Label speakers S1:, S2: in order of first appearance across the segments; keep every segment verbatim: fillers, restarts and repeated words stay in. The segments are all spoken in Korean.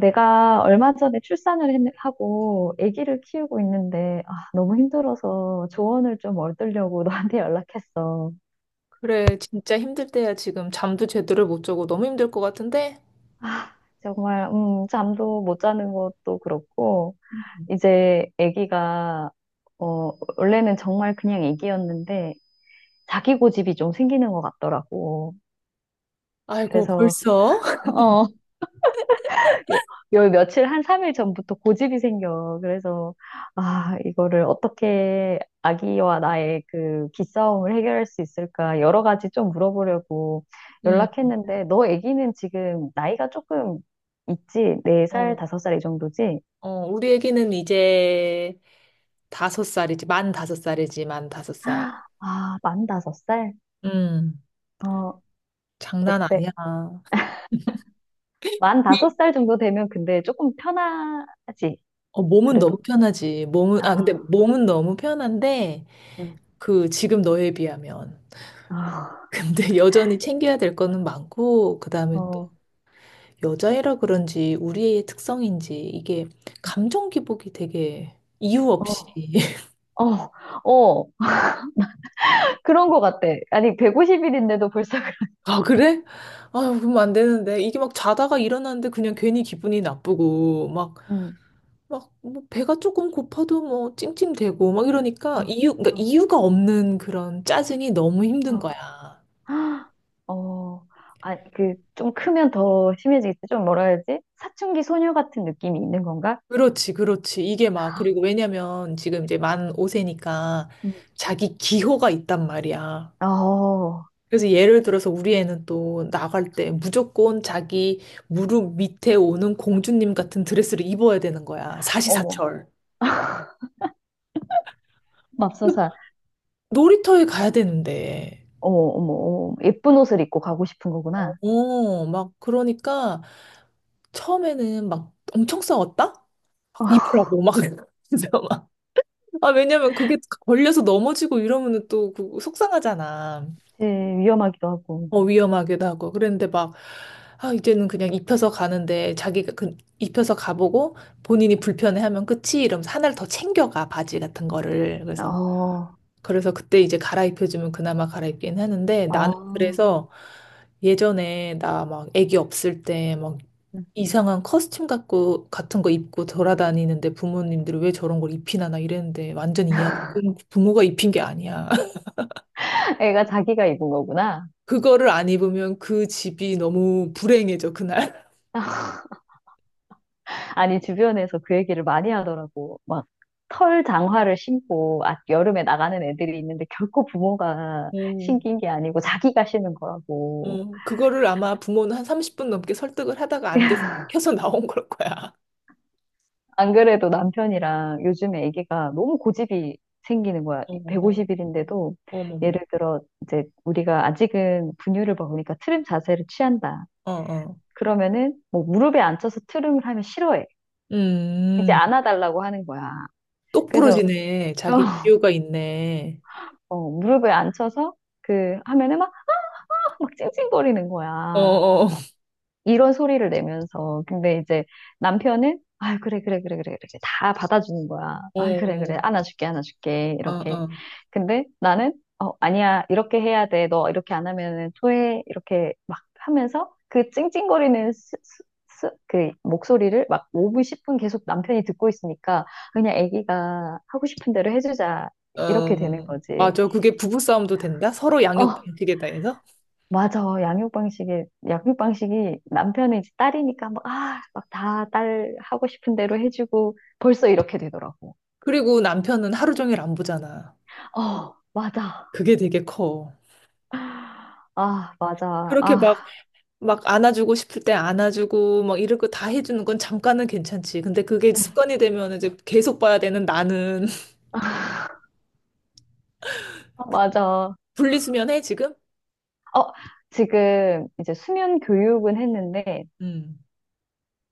S1: 내가 얼마 전에 출산을 했- 하고 아기를 키우고 있는데 아, 너무 힘들어서 조언을 좀 얻으려고 너한테 연락했어.
S2: 그래, 진짜 힘들 때야. 지금 잠도 제대로 못 자고 너무 힘들 것 같은데?
S1: 정말 음, 잠도 못 자는 것도 그렇고 이제 아기가 어, 원래는 정말 그냥 아기였는데 자기 고집이 좀 생기는 것 같더라고.
S2: 아이고,
S1: 그래서
S2: 벌써?
S1: 어, 요, 요 며칠 한 삼 일 전부터 고집이 생겨. 그래서 아, 이거를 어떻게 아기와 나의 그 기싸움을 해결할 수 있을까 여러 가지 좀 물어보려고
S2: 응,
S1: 연락했는데 너 아기는 지금 나이가 조금 있지? 네 살
S2: 어,
S1: 다섯 살 이 정도지?
S2: 어, 우리 애기는 이제 다섯 살이지, 만 다섯 살이지, 만 다섯 살.
S1: 아, 만 다섯 살.
S2: 음,
S1: 어,
S2: 장난
S1: 어때?
S2: 아니야.
S1: 만 다섯
S2: 이-
S1: 살 정도 되면 근데 조금 편하지.
S2: 어, 몸은 너무
S1: 그래도.
S2: 편하지. 몸은,
S1: 아,
S2: 아, 근데 몸은 너무 편한데,
S1: 응.
S2: 그, 지금 너에 비하면.
S1: 아,
S2: 근데 여전히 챙겨야 될 거는 많고, 그 다음에 또,
S1: 어.
S2: 여자애라 그런지, 우리 애의 특성인지, 이게 감정 기복이 되게 이유 없이.
S1: 어, 어, 어, 그런 것 같아. 아니, 백오십 일인데도 벌써.
S2: 아, 그래? 아, 그러면 안 되는데. 이게 막 자다가 일어났는데 그냥 괜히 기분이 나쁘고, 막,
S1: 음.
S2: 막, 뭐, 배가 조금 고파도 뭐, 찡찡대고, 막
S1: 어,
S2: 이러니까, 이유, 그러니까
S1: 어,
S2: 이유가 없는 그런 짜증이 너무 힘든
S1: 어.
S2: 거야.
S1: 헉! 어, 아, 그, 좀 크면 더 심해지겠지? 좀 뭐라 해야지? 사춘기 소녀 같은 느낌이 있는 건가?
S2: 그렇지, 그렇지. 이게 막, 그리고 왜냐면 지금 이제 만 오 세니까
S1: 음.
S2: 자기 기호가 있단 말이야.
S1: 어,
S2: 그래서 예를 들어서 우리 애는 또 나갈 때 무조건 자기 무릎 밑에 오는 공주님 같은 드레스를 입어야 되는 거야.
S1: 어머,
S2: 사시사철.
S1: 맙소사.
S2: 놀이터에 가야 되는데.
S1: 어머, 어머, 어머, 예쁜 옷을 입고 가고 싶은
S2: 어,
S1: 거구나.
S2: 어, 막 그러니까 처음에는 막 엄청 싸웠다. 막
S1: 어,
S2: 입으라고 막, 진짜 막. 아, 왜냐면 그게 걸려서 넘어지고 이러면은 또 그- 속상하잖아.
S1: 그치, 위험하기도 하고.
S2: 어, 위험하기도 하고. 그랬는데 막, 아, 이제는 그냥 입혀서 가는데, 자기가 그 입혀서 가보고 본인이 불편해하면 끝이, 이러면서 하나를 더 챙겨가. 바지 같은 거를. 그래서,
S1: 어,
S2: 그래서 그때 이제 갈아입혀주면 그나마 갈아입긴 하는데. 나는
S1: 어,
S2: 그래서 예전에 나 막 애기 없을 때 막
S1: 음.
S2: 이상한 커스튬 갖고 같은 거 입고 돌아다니는데 부모님들이 왜 저런 걸 입히나, 나 이랬는데, 완전 이해. 부모가 입힌 게 아니야.
S1: 애가 자기가 입은 거구나.
S2: 그거를 안 입으면 그 집이 너무 불행해져 그날.
S1: 아니, 주변에서 그 얘기를 많이 하더라고. 막, 털 장화를 신고, 아, 여름에 나가는 애들이 있는데, 결코 부모가
S2: 음.
S1: 신긴 게 아니고, 자기가 신은 거라고.
S2: 어, 그거를 아마 부모는 한 삼십 분 넘게 설득을 하다가 안 돼서 켜서 나온 걸 거야.
S1: 안 그래도 남편이랑 요즘에 애기가 너무 고집이 생기는 거야.
S2: 어, 어,
S1: 백오십 일인데도.
S2: 어머머.
S1: 예를 들어, 이제, 우리가 아직은 분유를 먹으니까 트림 자세를 취한다.
S2: 어, 어.
S1: 그러면은, 뭐, 무릎에 앉혀서 트림을 하면 싫어해. 이제
S2: 음.
S1: 안아달라고 하는 거야. 그래서,
S2: 똑부러지네. 자기 기 호가 있네.
S1: 어, 무릎에 앉혀서, 그, 하면은 막 막 찡찡거리는
S2: 어,
S1: 거야.
S2: 어,
S1: 이런 소리를 내면서. 근데 이제 남편은, 아, 그래, 그래, 그래, 그래, 그래. 다 받아주는 거야. 아,
S2: 어,
S1: 그래, 그래.
S2: 어,
S1: 안아줄게, 안아줄게. 이렇게.
S2: 어,
S1: 근데 나는, 어, 아니야. 이렇게 해야 돼. 너 이렇게 안 하면은 토해. 이렇게 막 하면서 그 찡찡거리는 스, 스, 스- 그 목소리를 막 오 분, 십 분 계속 남편이 듣고 있으니까 그냥 아기가 하고 싶은 대로 해주자.
S2: 어,
S1: 이렇게 되는
S2: 어.
S1: 거지.
S2: 맞아. 그게 부부싸움도 된다. 서로 양육
S1: 어.
S2: 방식에 대해서.
S1: 맞아. 양육 방식이, 양육 방식이 남편은 이제 딸이니까 막, 아, 막 다 딸 하고 싶은 대로 해주고 벌써 이렇게 되더라고.
S2: 그리고 남편은 하루 종일 안 보잖아.
S1: 어, 맞아.
S2: 그게 되게 커.
S1: 아, 맞아.
S2: 그렇게
S1: 아,
S2: 막, 막, 안아주고 싶을 때 안아주고, 막 이런 거 다 해주는 건 잠깐은 괜찮지. 근데 그게 습관이 되면 이제 계속 봐야 되는 나는.
S1: 맞아.
S2: 분리수면해, 지금?
S1: 어, 지금 이제 수면 교육은 했는데
S2: 음.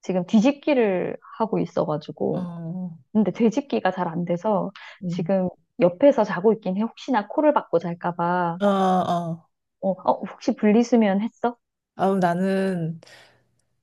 S1: 지금 뒤집기를 하고 있어가지고.
S2: 어.
S1: 근데 뒤집기가 잘 안 돼서
S2: 음.
S1: 지금 옆에서 자고 있긴 해. 혹시나 코를 박고 잘까 봐.
S2: 어, 어.
S1: 어, 어, 혹시 분리수면 했어?
S2: 아우, 나는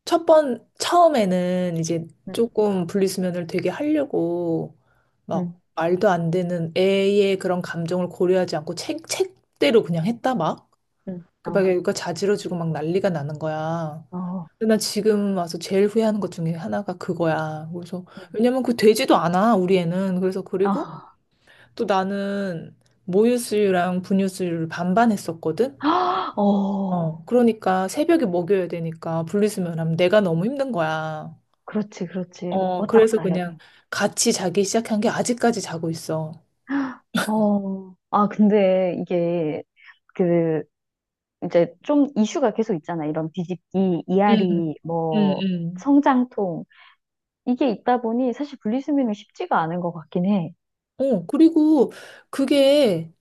S2: 첫 번, 처음에는 이제
S1: 응,
S2: 조금 분리수면을 되게 하려고 막
S1: 응,
S2: 말도 안 되는 애의 그런 감정을 고려하지 않고 책, 책대로 그냥 했다 막.
S1: 응.
S2: 그러
S1: 어,
S2: 니까 자지러지고 막 난리가 나는 거야.
S1: 어.
S2: 근데 나 지금 와서 제일 후회하는 것 중에 하나가 그거야. 그래서,
S1: 네.
S2: 왜냐면 그 되지도 않아, 우리 애는. 그래서, 그리고
S1: 아,
S2: 또 나는 모유수유랑 분유수유를 반반 했었거든?
S1: 어,
S2: 어, 그러니까 새벽에 먹여야 되니까, 분리수면하면 내가 너무 힘든 거야.
S1: 그렇지, 그렇지.
S2: 어,
S1: 왔다
S2: 그래서
S1: 갔다 해야
S2: 그냥
S1: 돼.
S2: 같이 자기 시작한 게 아직까지 자고 있어.
S1: 어, 아, 근데 이게 그 이제 좀 이슈가 계속 있잖아. 이런 뒤집기,
S2: 응,
S1: 이앓이,
S2: 응,
S1: 뭐
S2: 응.
S1: 성장통 이게 있다 보니 사실 분리수면은 쉽지가 않은 것 같긴 해.
S2: 어, 그리고 그게,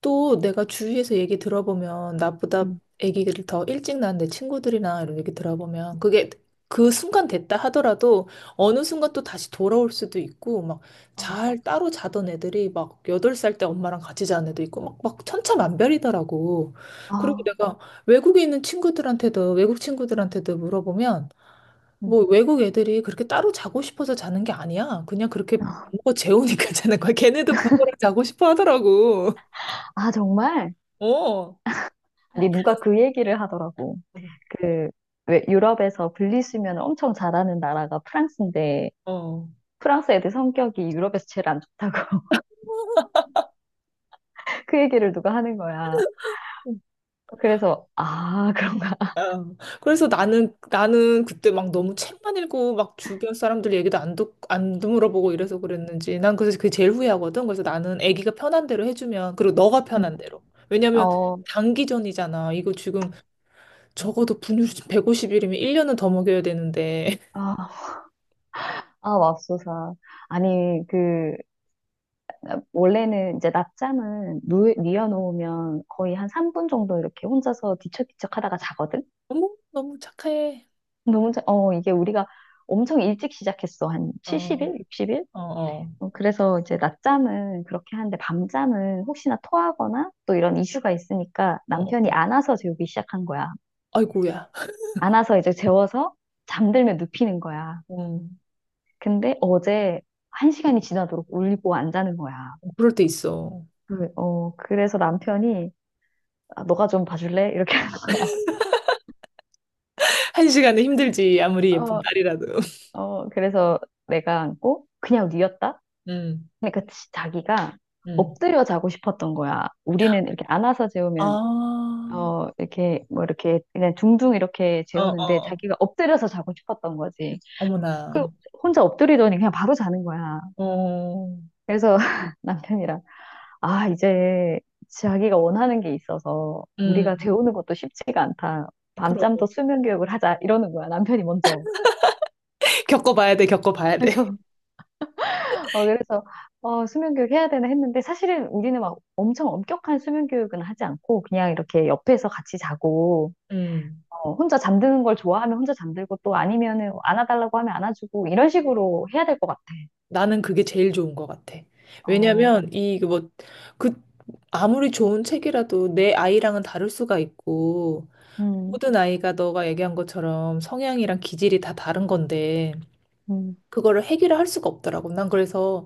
S2: 또 내가 주위에서 얘기 들어보면 나보다
S1: 음.
S2: 아기를 더 일찍 낳은 내 친구들이나, 이런 얘기 들어보면 그게 그 순간 됐다 하더라도 어느 순간 또 다시 돌아올 수도 있고, 막
S1: 어,
S2: 잘 따로 자던 애들이 막 여덟 살 때 엄마랑 같이 자는 애도 있고, 막, 막 천차만별이더라고. 그리고
S1: 아,
S2: 내가 외국에 있는 친구들한테도 외국 친구들한테도 물어보면
S1: 음.
S2: 뭐, 외국 애들이 그렇게 따로 자고 싶어서 자는 게 아니야. 그냥 그렇게 부모가 재우니까 자는 거야. 걔네도 부모랑 자고 싶어 하더라고.
S1: 아, 정말?
S2: 어.
S1: 아니 누가 그 얘기를 하더라고. 그 왜 유럽에서 분리수면을 엄청 잘하는 나라가 프랑스인데
S2: 어.
S1: 프랑스 애들 성격이 유럽에서 제일 안 좋다고. 그 얘기를 누가 하는 거야. 그래서, 아, 그런가.
S2: 어. 그래서 나는 나는 그때 막 너무 책만 읽고 막 주변 사람들 얘기도 안 듣, 안 물어보고 이래서 그랬는지, 난 그래서 그게 제일 후회하거든. 그래서 나는 아기가 편한 대로 해주면, 그리고 너가
S1: 음.
S2: 편한 대로. 왜냐면
S1: 어,
S2: 단기전이잖아, 이거 지금. 적어도 분유를 백오십 일이면 일 년은 더 먹여야 되는데.
S1: 아, 아, 맙소사. 아니, 그, 원래는 이제 낮잠은 누, 뉘어놓으면 거의 한 삼 분 정도 이렇게 혼자서 뒤척뒤척 하다가 자거든?
S2: 어머, 너무 착해.
S1: 근데 혼자, 어, 이게 우리가 엄청 일찍 시작했어. 한
S2: 어.
S1: 칠십 일? 육십 일?
S2: 어, 어,
S1: 어, 그래서 이제 낮잠은 그렇게 하는데 밤잠은 혹시나 토하거나 또 이런 이슈가 있으니까
S2: 어.
S1: 남편이 안아서 재우기 시작한 거야.
S2: 아이고야.
S1: 안아서 이제 재워서 잠들면 눕히는 거야.
S2: 어,
S1: 근데 어제 한 시간이 지나도록 울고 안 자는 거야.
S2: 그럴 때 있어.
S1: 그, 어, 그래서 남편이 아, 너가 좀 봐줄래? 이렇게.
S2: 한 시간은 힘들지, 아무리 예쁜
S1: 어,
S2: 딸이라도.
S1: 어, 그래서 내가 안고 그냥 누웠다?
S2: 음,
S1: 그러니까 지- 자기가
S2: 음.
S1: 엎드려 자고 싶었던 거야. 우리는 이렇게 안아서 재우면
S2: 아,
S1: 어, 이렇게 뭐 이렇게 그냥 둥둥 이렇게
S2: 어,
S1: 재우는데
S2: 어.
S1: 자기가 엎드려서 자고 싶었던 거지. 그
S2: 어머나.
S1: 혼자 엎드리더니 그냥 바로 자는 거야.
S2: 어,
S1: 그래서 남편이랑 아, 이제 자기가 원하는 게 있어서 우리가
S2: 음,
S1: 배우는 것도 쉽지가 않다.
S2: 그러고.
S1: 밤잠도 수면 교육을 하자. 이러는 거야, 남편이 먼저.
S2: 겪어봐야 돼, 겪어봐야 돼.
S1: 그래서, 어, 그래서, 어, 수면 교육 해야 되나 했는데 사실은 우리는 막 엄청 엄격한 수면 교육은 하지 않고 그냥 이렇게 옆에서 같이 자고,
S2: 음,
S1: 어, 혼자 잠드는 걸 좋아하면 혼자 잠들고 또 아니면은 안아달라고 하면 안아주고 이런 식으로 해야 될 것 같아.
S2: 나는 그게 제일 좋은 것 같아.
S1: 어,
S2: 왜냐면, 이, 그 뭐, 그, 아무리 좋은 책이라도 내 아이랑은 다를 수가 있고,
S1: 음,
S2: 모든 아이가 너가 얘기한 것처럼 성향이랑 기질이 다 다른 건데,
S1: 음.
S2: 그거를 해결을 할 수가 없더라고. 난 그래서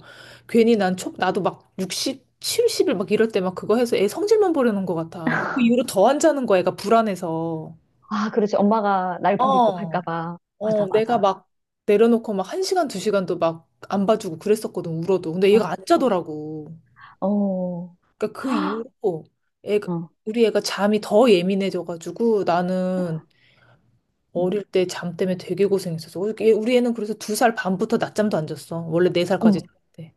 S2: 괜히 난 초, 나도 막 육십, 칠십 일 막 이럴 때 막 그거 해서 애 성질만 부리는 것 같아. 그 이후로 더 안 자는 거야, 애가 불안해서.
S1: 아, 그렇지. 엄마가 날 버리고 갈까
S2: 어,
S1: 봐.
S2: 어,
S1: 맞아,
S2: 내가
S1: 맞아.
S2: 막 내려놓고 막 한 시간 두 시간도 막 안 봐주고 그랬었거든, 울어도. 근데
S1: 어,
S2: 얘가 안
S1: 어.
S2: 자더라고.
S1: 어.
S2: 그러니까 그 이후로 애가,
S1: 어.
S2: 우리 애가 잠이 더 예민해져가지고, 나는
S1: 음.
S2: 어릴 때 잠 때문에 되게 고생했었어. 우리 애- 우리 애는 그래서 두 살 반부터 낮잠도 안 잤어. 원래 네 살까지
S1: 음.
S2: 잤대.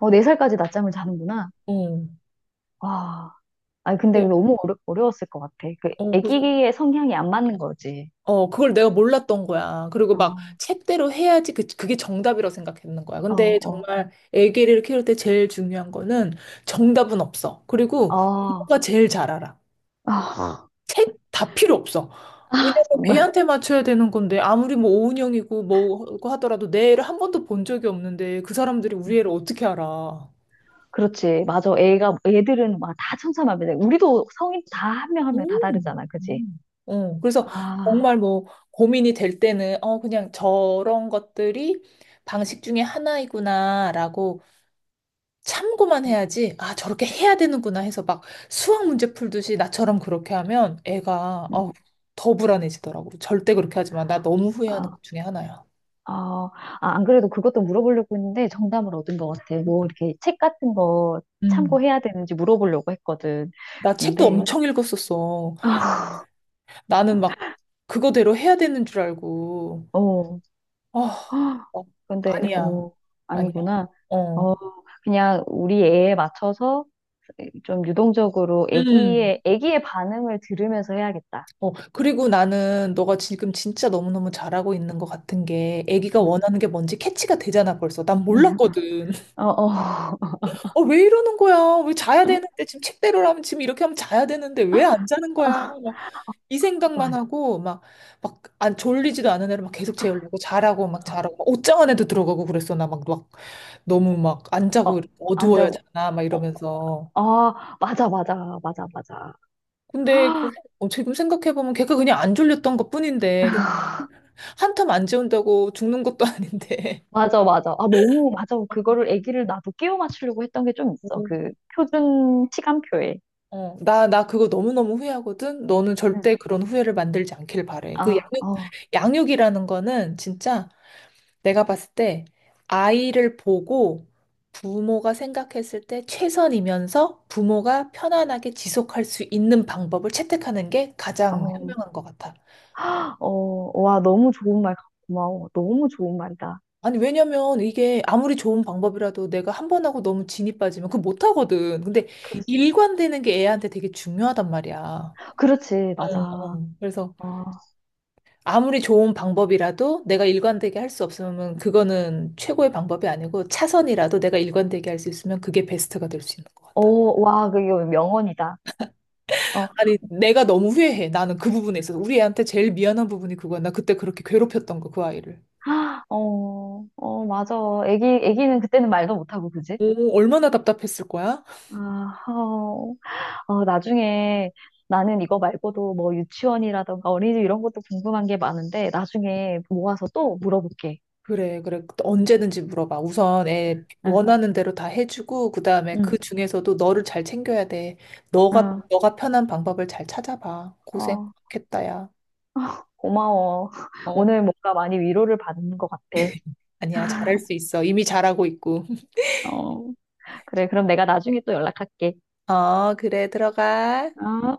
S1: 어, 네 살까지 낮잠을 자는구나.
S2: 응.
S1: 와. 아니, 근데 너무 어려, 어려웠을 것 같아. 그,
S2: 어, 그래서,
S1: 애기의 성향이 안 맞는 거지.
S2: 어, 그걸 내가 몰랐던 거야. 그리고 막
S1: 어,
S2: 책대로 해야지, 그, 그게 정답이라고 생각했는 거야.
S1: 어,
S2: 근데
S1: 어.
S2: 정말 애기를 키울 때 제일 중요한 거는 정답은 없어. 그리고
S1: 아,
S2: 부모가 제일 잘 알아.
S1: 아,
S2: 책 다 필요 없어. 왜냐면
S1: 정말.
S2: 걔한테 맞춰야 되는 건데, 아무리 뭐 오은영이고 뭐고 하더라도 내 애를 한 번도 본 적이 없는데 그 사람들이 우리 애를 어떻게 알아?
S1: 그렇지. 맞아. 애가, 애들은 막 다 천차만별이야. 우리도 성인 다 한 명 한 명 다
S2: 음.
S1: 다르잖아. 그지?
S2: 음. 어, 그래서
S1: 아.
S2: 정말 뭐 고민이 될 때는, 어, 그냥 저런 것들이 방식 중에 하나이구나라고 참고만
S1: 음,
S2: 해야지, 아, 저렇게
S1: 음,
S2: 해야 되는구나 해서 막 수학 문제 풀듯이 나처럼 그렇게 하면, 애가
S1: 음.
S2: 어, 더 불안해지더라고. 절대 그렇게 하지 마. 나 너무 후회하는
S1: 아,
S2: 것 중에 하나야.
S1: 아, 아, 안 그래도 그것도 물어보려고 했는데 정답을 얻은 것 같아. 뭐 이렇게 책 같은 거
S2: 음.
S1: 참고해야 되는지 물어보려고 했거든.
S2: 나 책도
S1: 근데
S2: 엄청 읽었었어.
S1: 아.
S2: 나는 막 그거대로 해야 되는 줄 알고.
S1: 어,
S2: 아, 어,
S1: 근데,
S2: 아니야.
S1: 어,
S2: 아니야.
S1: 아니구나.
S2: 어.
S1: 어, 그냥 우리 애에 맞춰서 좀 유동적으로
S2: 음.
S1: 애기의, 애기의 반응을 들으면서 해야겠다.
S2: 어, 그리고 나는 너가 지금 진짜 너무너무 잘하고 있는 것 같은 게, 아기가
S1: 음.
S2: 원하는 게 뭔지 캐치가 되잖아 벌써. 난 몰랐거든.
S1: 어, 어,
S2: 어, 왜 이러는 거야? 왜 자야 되는데, 지금 책대로라면 지금 이렇게 하면 자야 되는데, 왜 안 자는 거야? 막 이 생각만
S1: 맞아.
S2: 하고, 막 막 안 졸리지도 않은 애를 막 계속 재우려고, 자라고 막, 자라고 막, 옷장 안에도 들어가고 그랬어. 나 막 막 너무 막 안 자고, 이렇게 어두워야
S1: 앉아.
S2: 자나 막
S1: 어,
S2: 이러면서.
S1: 아, 맞아, 맞아, 맞아, 맞아.
S2: 근데 그- 어, 지금 생각해보면 걔가 그냥 안 졸렸던 것뿐인데, 한텀 안 재운다고 죽는 것도 아닌데.
S1: 맞아, 맞아. 아, 너무, 맞아. 그거를 애기를 나도 끼워 맞추려고 했던 게 좀 있어. 그
S2: 음.
S1: 표준 시간표에.
S2: 어, 나, 나 그거 너무너무 후회하거든? 너는
S1: 응.
S2: 절대 그런 후회를 만들지 않길 바래. 그
S1: 아,
S2: 양육,
S1: 어,
S2: 양육이라는 거는 진짜 내가 봤을 때, 아이를 보고 부모가 생각했을 때 최선이면서 부모가 편안하게 지속할 수 있는 방법을 채택하는 게 가장
S1: 어,
S2: 현명한 것 같아.
S1: 어, 와, 너무 좋은 말, 같- 고마워. 너무 좋은 말이다.
S2: 아니, 왜냐면 이게 아무리 좋은 방법이라도 내가 한 번 하고 너무 진이 빠지면 그거 못하거든. 근데 일관되는 게 애한테 되게 중요하단 말이야.
S1: 그렇지, 맞아.
S2: 응, 응. 그래서
S1: 어,
S2: 아무리 좋은 방법이라도 내가 일관되게 할 수 없으면 그거는 최고의 방법이 아니고, 차선이라도 내가 일관되게 할 수 있으면 그게 베스트가 될 수 있는 것
S1: 어,
S2: 같다.
S1: 와, 그게 명언이다. 어,
S2: 아니, 내가 너무 후회해. 나는 그 부분에 있어서. 우리 애한테 제일 미안한 부분이 그거야. 나 그때 그렇게 괴롭혔던 거, 그 아이를.
S1: 아, 어, 어, 맞아. 애기, 애기는 그때는 말도 못하고, 그지?
S2: 오, 얼마나 답답했을 거야?
S1: 아, 어, 어, 나중에 나는 이거 말고도 뭐 유치원이라던가 어린이집 이런 것도 궁금한 게 많은데, 나중에 모아서 또 물어볼게.
S2: 그래, 그래. 언제든지 물어봐. 우선 애
S1: 응,
S2: 원하는 대로 다 해주고, 그 다음에
S1: 응,
S2: 그 중에서도 너를 잘 챙겨야 돼. 너가,
S1: 응,
S2: 너가 편한 방법을 잘 찾아봐. 고생
S1: 어,
S2: 했다 야.
S1: 고마워.
S2: 어,
S1: 오늘 뭔가 많이 위로를 받은 것 같아.
S2: 아니야. 잘할 수 있어. 이미 잘하고 있고.
S1: 어, 그래, 그럼 내가 나중에 또 연락할게.
S2: 어, 그래. 들어가.
S1: 어?